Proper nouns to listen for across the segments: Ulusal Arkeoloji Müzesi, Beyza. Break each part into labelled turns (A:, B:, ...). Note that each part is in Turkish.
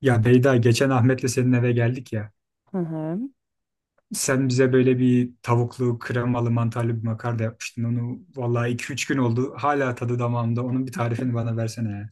A: Ya Beyda, geçen Ahmet'le senin eve geldik ya.
B: Hı hı.
A: Sen bize böyle bir tavuklu, kremalı, mantarlı bir makarna yapmıştın. Onu vallahi iki üç gün oldu. Hala tadı damağımda. Onun bir tarifini bana versene ya.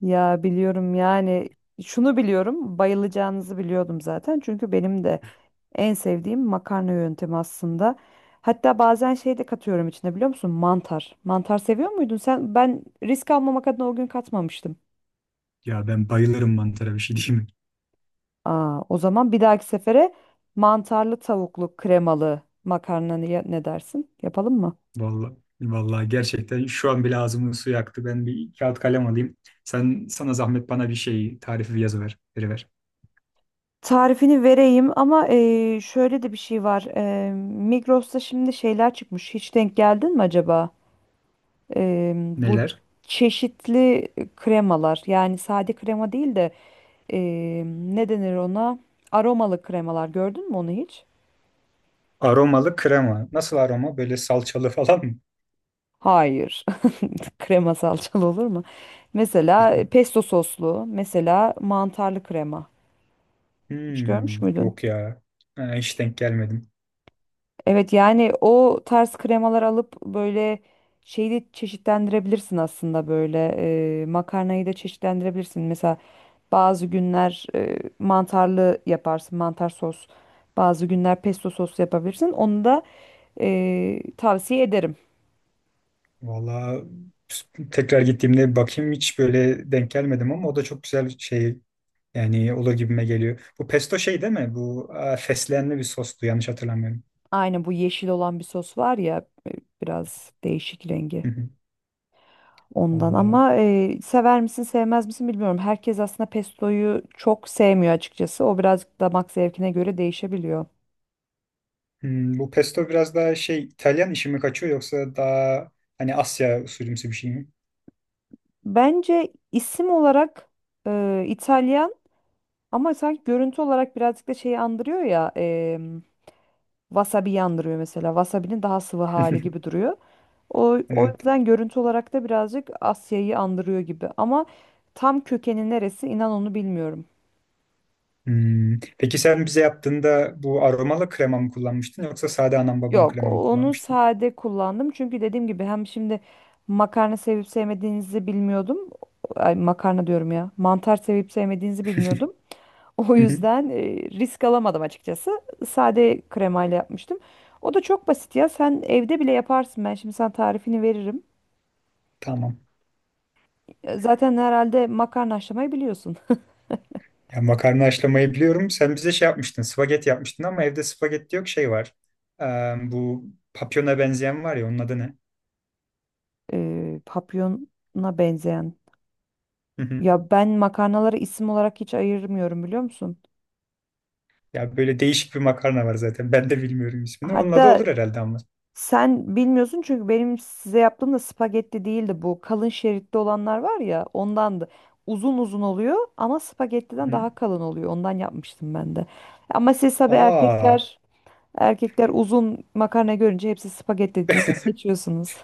B: Ya biliyorum yani şunu biliyorum bayılacağınızı biliyordum zaten çünkü benim de en sevdiğim makarna yöntemi aslında. Hatta bazen şey de katıyorum içine biliyor musun? Mantar. Mantar seviyor muydun sen? Ben risk almamak adına o gün katmamıştım.
A: Ya ben bayılırım mantara, bir şey diyeyim mi?
B: Aa, o zaman bir dahaki sefere mantarlı tavuklu kremalı makarna ne dersin? Yapalım mı?
A: Vallahi, vallahi, gerçekten şu an bile ağzımın suyu aktı. Ben bir kağıt kalem alayım. Sana zahmet, bana bir şey tarifi veriver.
B: Tarifini vereyim ama şöyle de bir şey var. Migros'ta şimdi şeyler çıkmış. Hiç denk geldin mi acaba? Bu
A: Neler?
B: çeşitli kremalar yani sade krema değil de ne denir ona? Aromalı kremalar gördün mü onu hiç?
A: Aromalı krema. Nasıl aroma? Böyle salçalı falan mı?
B: Hayır. Krema salçalı olur mu? Mesela
A: Bilmiyorum.
B: pesto soslu, mesela mantarlı krema. Hiç görmüş
A: Hmm,
B: müydün?
A: yok ya. Ha, hiç denk gelmedim.
B: Evet yani o tarz kremalar alıp böyle şeyi de çeşitlendirebilirsin aslında böyle makarnayı da çeşitlendirebilirsin. Mesela bazı günler mantarlı yaparsın, mantar sos. Bazı günler pesto sos yapabilirsin. Onu da tavsiye ederim.
A: Valla, tekrar gittiğimde bir bakayım, hiç böyle denk gelmedim ama o da çok güzel bir şey, yani olur gibime geliyor. Bu pesto şey değil mi? Bu, aa, fesleğenli bir sostu, yanlış hatırlamıyorum.
B: Aynı bu yeşil olan bir sos var ya biraz değişik rengi
A: Hı hı.
B: ondan
A: Valla.
B: ama sever misin sevmez misin bilmiyorum. Herkes aslında pestoyu çok sevmiyor açıkçası. O birazcık damak zevkine göre değişebiliyor.
A: Hmm, bu pesto biraz daha şey, İtalyan işi mi kaçıyor yoksa daha hani Asya usulümsü bir şey mi?
B: Bence isim olarak İtalyan ama sanki görüntü olarak birazcık da şeyi andırıyor ya. Wasabi yandırıyor mesela. Wasabi'nin daha sıvı hali gibi duruyor. O
A: Evet.
B: yüzden görüntü olarak da birazcık Asya'yı andırıyor gibi. Ama tam kökeni neresi inan onu bilmiyorum.
A: Hmm. Peki sen bize yaptığında bu aromalı krema mı kullanmıştın yoksa sade anam babam
B: Yok,
A: krema mı
B: onu
A: kullanmıştın?
B: sade kullandım. Çünkü dediğim gibi hem şimdi makarna sevip sevmediğinizi bilmiyordum. Ay, makarna diyorum ya. Mantar sevip sevmediğinizi bilmiyordum. O
A: Hı hı.
B: yüzden risk alamadım açıkçası. Sade kremayla yapmıştım. O da çok basit ya. Sen evde bile yaparsın. Ben şimdi sana tarifini veririm.
A: Tamam.
B: Ya zaten herhalde makarna haşlamayı biliyorsun.
A: Ya makarna haşlamayı biliyorum. Sen bize şey yapmıştın, spagetti yapmıştın ama evde spagetti yok, şey var. Ee, bu papyona benzeyen var ya, onun adı ne?
B: Papyona benzeyen.
A: Hı hı.
B: Ya ben makarnaları isim olarak hiç ayırmıyorum biliyor musun?
A: Ya böyle değişik bir makarna var zaten. Ben de bilmiyorum ismini. Onun adı
B: Hatta
A: olur herhalde ama.
B: sen bilmiyorsun çünkü benim size yaptığım da spagetti değildi bu. Kalın şeritli olanlar var ya ondandı. Uzun uzun oluyor ama
A: Hı
B: spagettiden
A: hı.
B: daha kalın oluyor. Ondan yapmıştım ben de. Ama siz tabii
A: Aa.
B: erkekler uzun makarna görünce hepsi spagetti deyip geçiyorsunuz.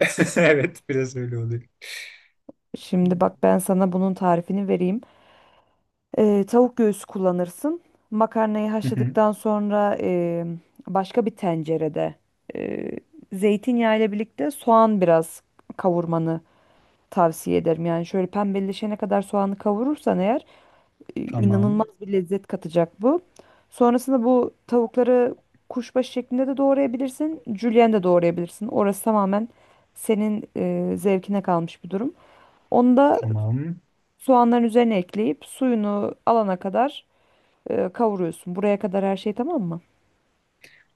A: Evet, biraz öyle oluyor.
B: Şimdi bak ben sana bunun tarifini vereyim. Tavuk göğsü kullanırsın. Makarnayı
A: Hı hı.
B: haşladıktan sonra başka bir tencerede e, zeytinyağı ile birlikte soğan biraz kavurmanı tavsiye ederim. Yani şöyle pembeleşene kadar soğanı kavurursan eğer inanılmaz
A: Tamam,
B: bir lezzet katacak bu. Sonrasında bu tavukları kuşbaşı şeklinde de doğrayabilirsin, julienne de doğrayabilirsin. Orası tamamen senin zevkine kalmış bir durum. Onu da
A: tamam.
B: soğanların üzerine ekleyip suyunu alana kadar kavuruyorsun. Buraya kadar her şey tamam mı?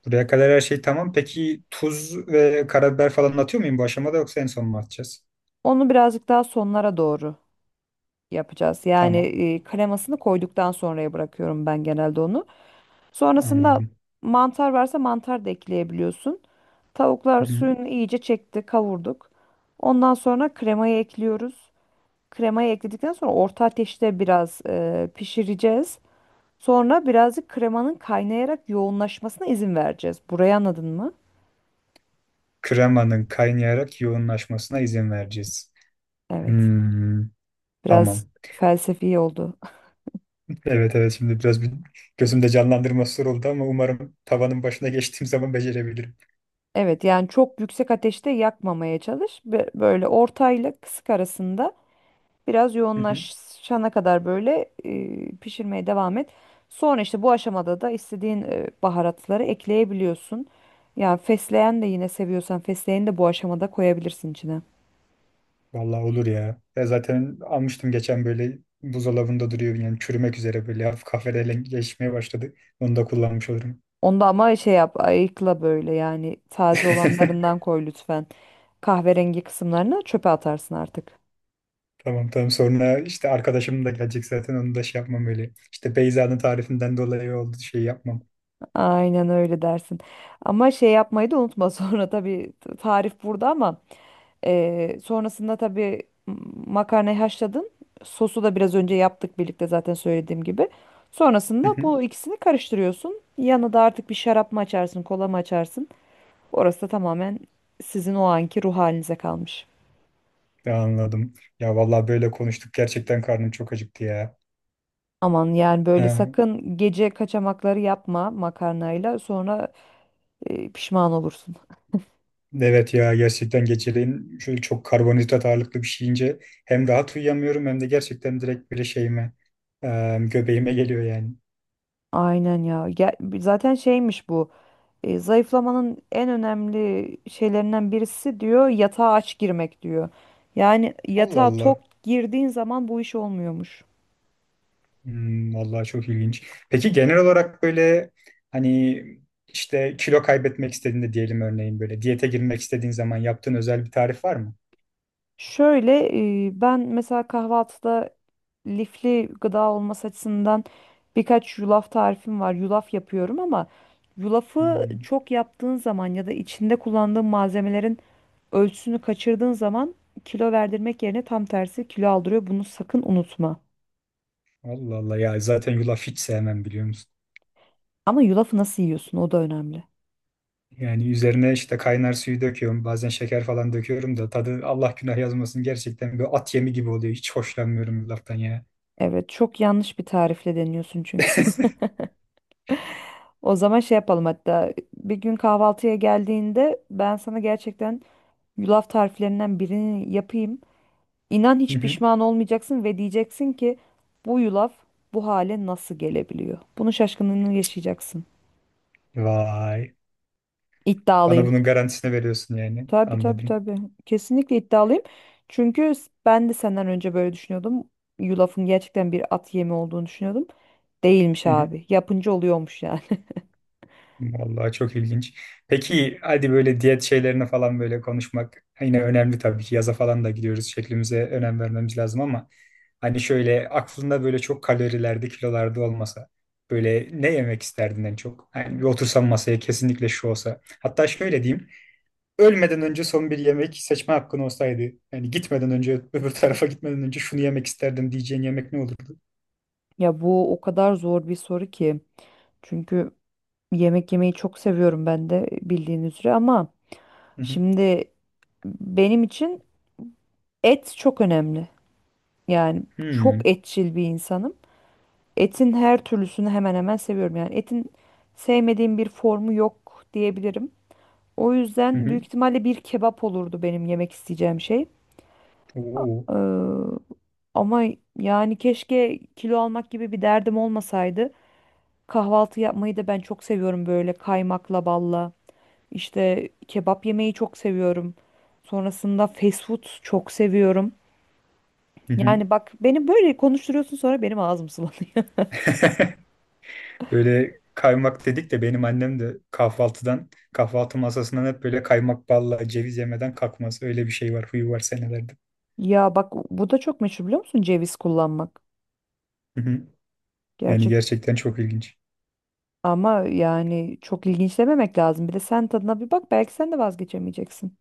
A: Buraya kadar her şey tamam. Peki tuz ve karabiber falan atıyor muyum bu aşamada, yoksa en son mu atacağız?
B: Onu birazcık daha sonlara doğru yapacağız. Yani
A: Tamam,
B: kremasını koyduktan sonraya bırakıyorum ben genelde onu. Sonrasında
A: anladım.
B: mantar varsa mantar da ekleyebiliyorsun.
A: Hı
B: Tavuklar
A: hı.
B: suyunu iyice çekti, kavurduk. Ondan sonra kremayı ekliyoruz. Kremayı ekledikten sonra orta ateşte biraz pişireceğiz. Sonra birazcık kremanın kaynayarak yoğunlaşmasına izin vereceğiz. Burayı anladın mı?
A: Kremanın kaynayarak yoğunlaşmasına izin vereceğiz.
B: Evet.
A: Hmm, tamam.
B: Biraz felsefi oldu.
A: Evet, evet, şimdi biraz bir gözümde canlandırma soru oldu ama umarım tavanın başına geçtiğim zaman becerebilirim.
B: Evet yani çok yüksek ateşte yakmamaya çalış. Böyle ortayla kısık arasında biraz
A: Hı hı.
B: yoğunlaşana kadar böyle pişirmeye devam et. Sonra işte bu aşamada da istediğin baharatları ekleyebiliyorsun. Yani fesleğen de yine seviyorsan fesleğeni de bu aşamada koyabilirsin içine.
A: Vallahi olur ya. Ya zaten almıştım geçen, böyle buzdolabında duruyor yani, çürümek üzere, böyle hafif kahverengileşmeye başladı. Onu da kullanmış olurum.
B: Onda ama şey yap ayıkla böyle yani taze olanlarından koy lütfen. Kahverengi kısımlarını çöpe atarsın artık.
A: Tamam, sonra işte arkadaşım da gelecek zaten, onu da şey yapmam öyle. İşte Beyza'nın tarifinden dolayı oldu şey yapmam.
B: Aynen öyle dersin. Ama şey yapmayı da unutma sonra tabii tarif burada ama sonrasında tabii makarnayı haşladın. Sosu da biraz önce yaptık birlikte zaten söylediğim gibi.
A: Hı
B: Sonrasında
A: hı.
B: bu ikisini karıştırıyorsun. Yanına da artık bir şarap mı açarsın, kola mı açarsın? Orası da tamamen sizin o anki ruh halinize kalmış.
A: Ya, anladım. Ya vallahi böyle konuştuk, gerçekten karnım çok acıktı ya.
B: Aman yani böyle
A: Ha,
B: sakın gece kaçamakları yapma makarnayla sonra pişman olursun.
A: evet ya, gerçekten geceleyin şöyle çok karbonhidrat ağırlıklı bir şey yiyince hem rahat uyuyamıyorum hem de gerçekten direkt böyle şeyime, göbeğime geliyor yani.
B: Aynen ya. Zaten şeymiş bu. Zayıflamanın en önemli şeylerinden birisi diyor yatağa aç girmek diyor. Yani
A: Allah
B: yatağa tok
A: Allah.
B: girdiğin zaman bu iş olmuyormuş.
A: Hmm, vallahi çok ilginç. Peki genel olarak böyle hani işte kilo kaybetmek istediğinde, diyelim örneğin böyle diyete girmek istediğin zaman, yaptığın özel bir tarif var mı?
B: Şöyle ben mesela kahvaltıda lifli gıda olması açısından birkaç yulaf tarifim var. Yulaf yapıyorum ama yulafı
A: Hmm,
B: çok yaptığın zaman ya da içinde kullandığın malzemelerin ölçüsünü kaçırdığın zaman kilo verdirmek yerine tam tersi kilo aldırıyor. Bunu sakın unutma.
A: Allah Allah, ya zaten yulaf hiç sevmem, biliyor musun?
B: Ama yulafı nasıl yiyorsun o da önemli.
A: Yani üzerine işte kaynar suyu döküyorum. Bazen şeker falan döküyorum da tadı, Allah günah yazmasın, gerçekten böyle at yemi gibi oluyor. Hiç hoşlanmıyorum bu laftan ya.
B: Evet, çok yanlış bir tarifle deniyorsun çünkü. O zaman şey yapalım hatta bir gün kahvaltıya geldiğinde ben sana gerçekten yulaf tariflerinden birini yapayım. İnan
A: Hı
B: hiç
A: hı.
B: pişman olmayacaksın ve diyeceksin ki bu yulaf bu hale nasıl gelebiliyor? Bunun şaşkınlığını yaşayacaksın.
A: Vay. Bana
B: İddialıyım.
A: bunun garantisini veriyorsun yani.
B: Tabii tabii
A: Anladım.
B: tabii. Kesinlikle iddialıyım. Çünkü ben de senden önce böyle düşünüyordum. Yulafın gerçekten bir at yemi olduğunu düşünüyordum. Değilmiş abi. Yapınca oluyormuş yani.
A: Vallahi çok ilginç. Peki, hadi böyle diyet şeylerine falan, böyle konuşmak yine önemli tabii ki. Yaza falan da gidiyoruz, şeklimize önem vermemiz lazım ama hani şöyle aklında böyle çok kalorilerde, kilolarda olmasa, böyle ne yemek isterdin en çok? Hani bir otursam masaya, kesinlikle şu olsa. Hatta şöyle diyeyim: ölmeden önce son bir yemek seçme hakkın olsaydı, yani gitmeden önce, öbür tarafa gitmeden önce, şunu yemek isterdim diyeceğin yemek ne olurdu?
B: Ya bu o kadar zor bir soru ki. Çünkü yemek yemeyi çok seviyorum ben de bildiğin üzere ama
A: Hı hı.
B: şimdi benim için et çok önemli. Yani çok
A: Hmm.
B: etçil bir insanım. Etin her türlüsünü hemen hemen seviyorum. Yani etin sevmediğim bir formu yok diyebilirim. O
A: Hı
B: yüzden
A: hı.
B: büyük ihtimalle bir kebap olurdu benim yemek isteyeceğim şey.
A: Oo.
B: Ee, ama yani keşke kilo almak gibi bir derdim olmasaydı. Kahvaltı yapmayı da ben çok seviyorum böyle kaymakla balla. İşte kebap yemeyi çok seviyorum. Sonrasında fast food çok seviyorum.
A: Hı hı.
B: Yani bak beni böyle konuşturuyorsun sonra benim ağzım sulanıyor.
A: Böyle kaymak dedik de, benim annem de kahvaltıdan, kahvaltı masasından hep böyle kaymak balla ceviz yemeden kalkmaz. Öyle bir şey var, huyu var senelerde.
B: Ya bak bu da çok meşhur biliyor musun ceviz kullanmak.
A: Hı hı. Yani
B: Gerçek
A: gerçekten çok ilginç.
B: ama yani çok ilginç dememek lazım. Bir de sen tadına bir bak belki sen de vazgeçemeyeceksin.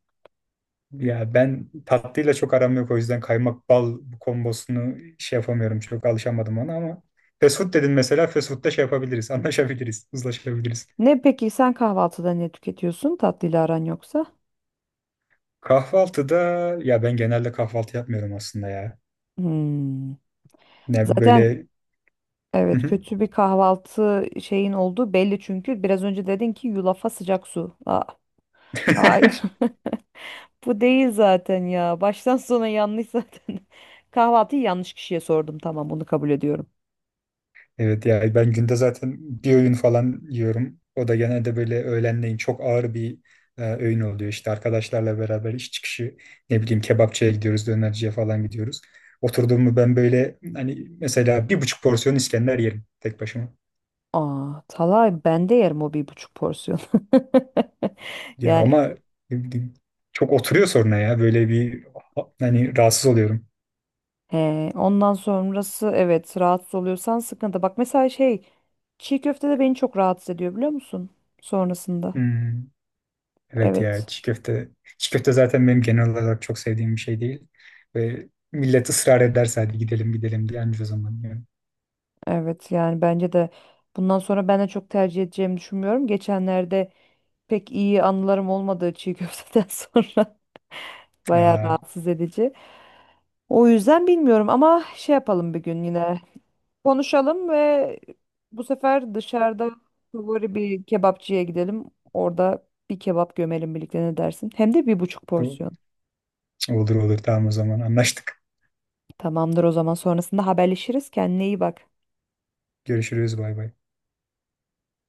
A: Ya ben tatlıyla çok aram yok, o yüzden kaymak bal kombosunu şey yapamıyorum, çok alışamadım ona, ama fast food dedin mesela, fast food'da şey yapabiliriz, anlaşabiliriz, uzlaşabiliriz.
B: Ne peki sen kahvaltıda ne tüketiyorsun? Tatlıyla aran yoksa?
A: Kahvaltıda, ya ben genelde kahvaltı yapmıyorum aslında ya.
B: Hmm.
A: Ne
B: Zaten
A: böyle... Hı
B: Evet,
A: hı.
B: kötü bir kahvaltı şeyin olduğu belli çünkü. Biraz önce dedin ki yulafa sıcak su. Aa, hayır. Bu değil zaten ya. Baştan sona yanlış zaten. Kahvaltıyı yanlış kişiye sordum. Tamam, bunu kabul ediyorum.
A: Evet ya, ben günde zaten bir öğün falan yiyorum. O da genelde böyle öğlenleyin çok ağır bir, öğün oluyor. İşte arkadaşlarla beraber iş çıkışı, ne bileyim, kebapçıya gidiyoruz, dönerciye falan gidiyoruz. Oturduğumu, ben böyle hani, mesela 1,5 porsiyon İskender yerim tek başıma.
B: Aa, Talay ben de yerim o 1,5 porsiyon.
A: Ya
B: Yani
A: ama çok oturuyor sonra ya, böyle bir hani rahatsız oluyorum.
B: he, ondan sonrası evet rahatsız oluyorsan sıkıntı. Bak mesela şey çiğ köfte de beni çok rahatsız ediyor biliyor musun? Sonrasında.
A: Hmm. Evet ya,
B: Evet.
A: çiğ köfte. Çiğ köfte zaten benim genel olarak çok sevdiğim bir şey değil. Ve millet ısrar ederse, hadi gidelim gidelim diye, anca o zaman diyorum.
B: Evet yani bence de bundan sonra ben de çok tercih edeceğimi düşünmüyorum. Geçenlerde pek iyi anılarım olmadığı çiğ köfteden sonra bayağı
A: Aa,
B: rahatsız edici. O yüzden bilmiyorum ama şey yapalım bir gün yine konuşalım ve bu sefer dışarıda favori bir kebapçıya gidelim. Orada bir kebap gömelim birlikte ne dersin? Hem de bir buçuk
A: bu-
B: porsiyon.
A: olur olur, tamam, o zaman anlaştık.
B: Tamamdır o zaman sonrasında haberleşiriz. Kendine iyi bak.
A: Görüşürüz, bay bay.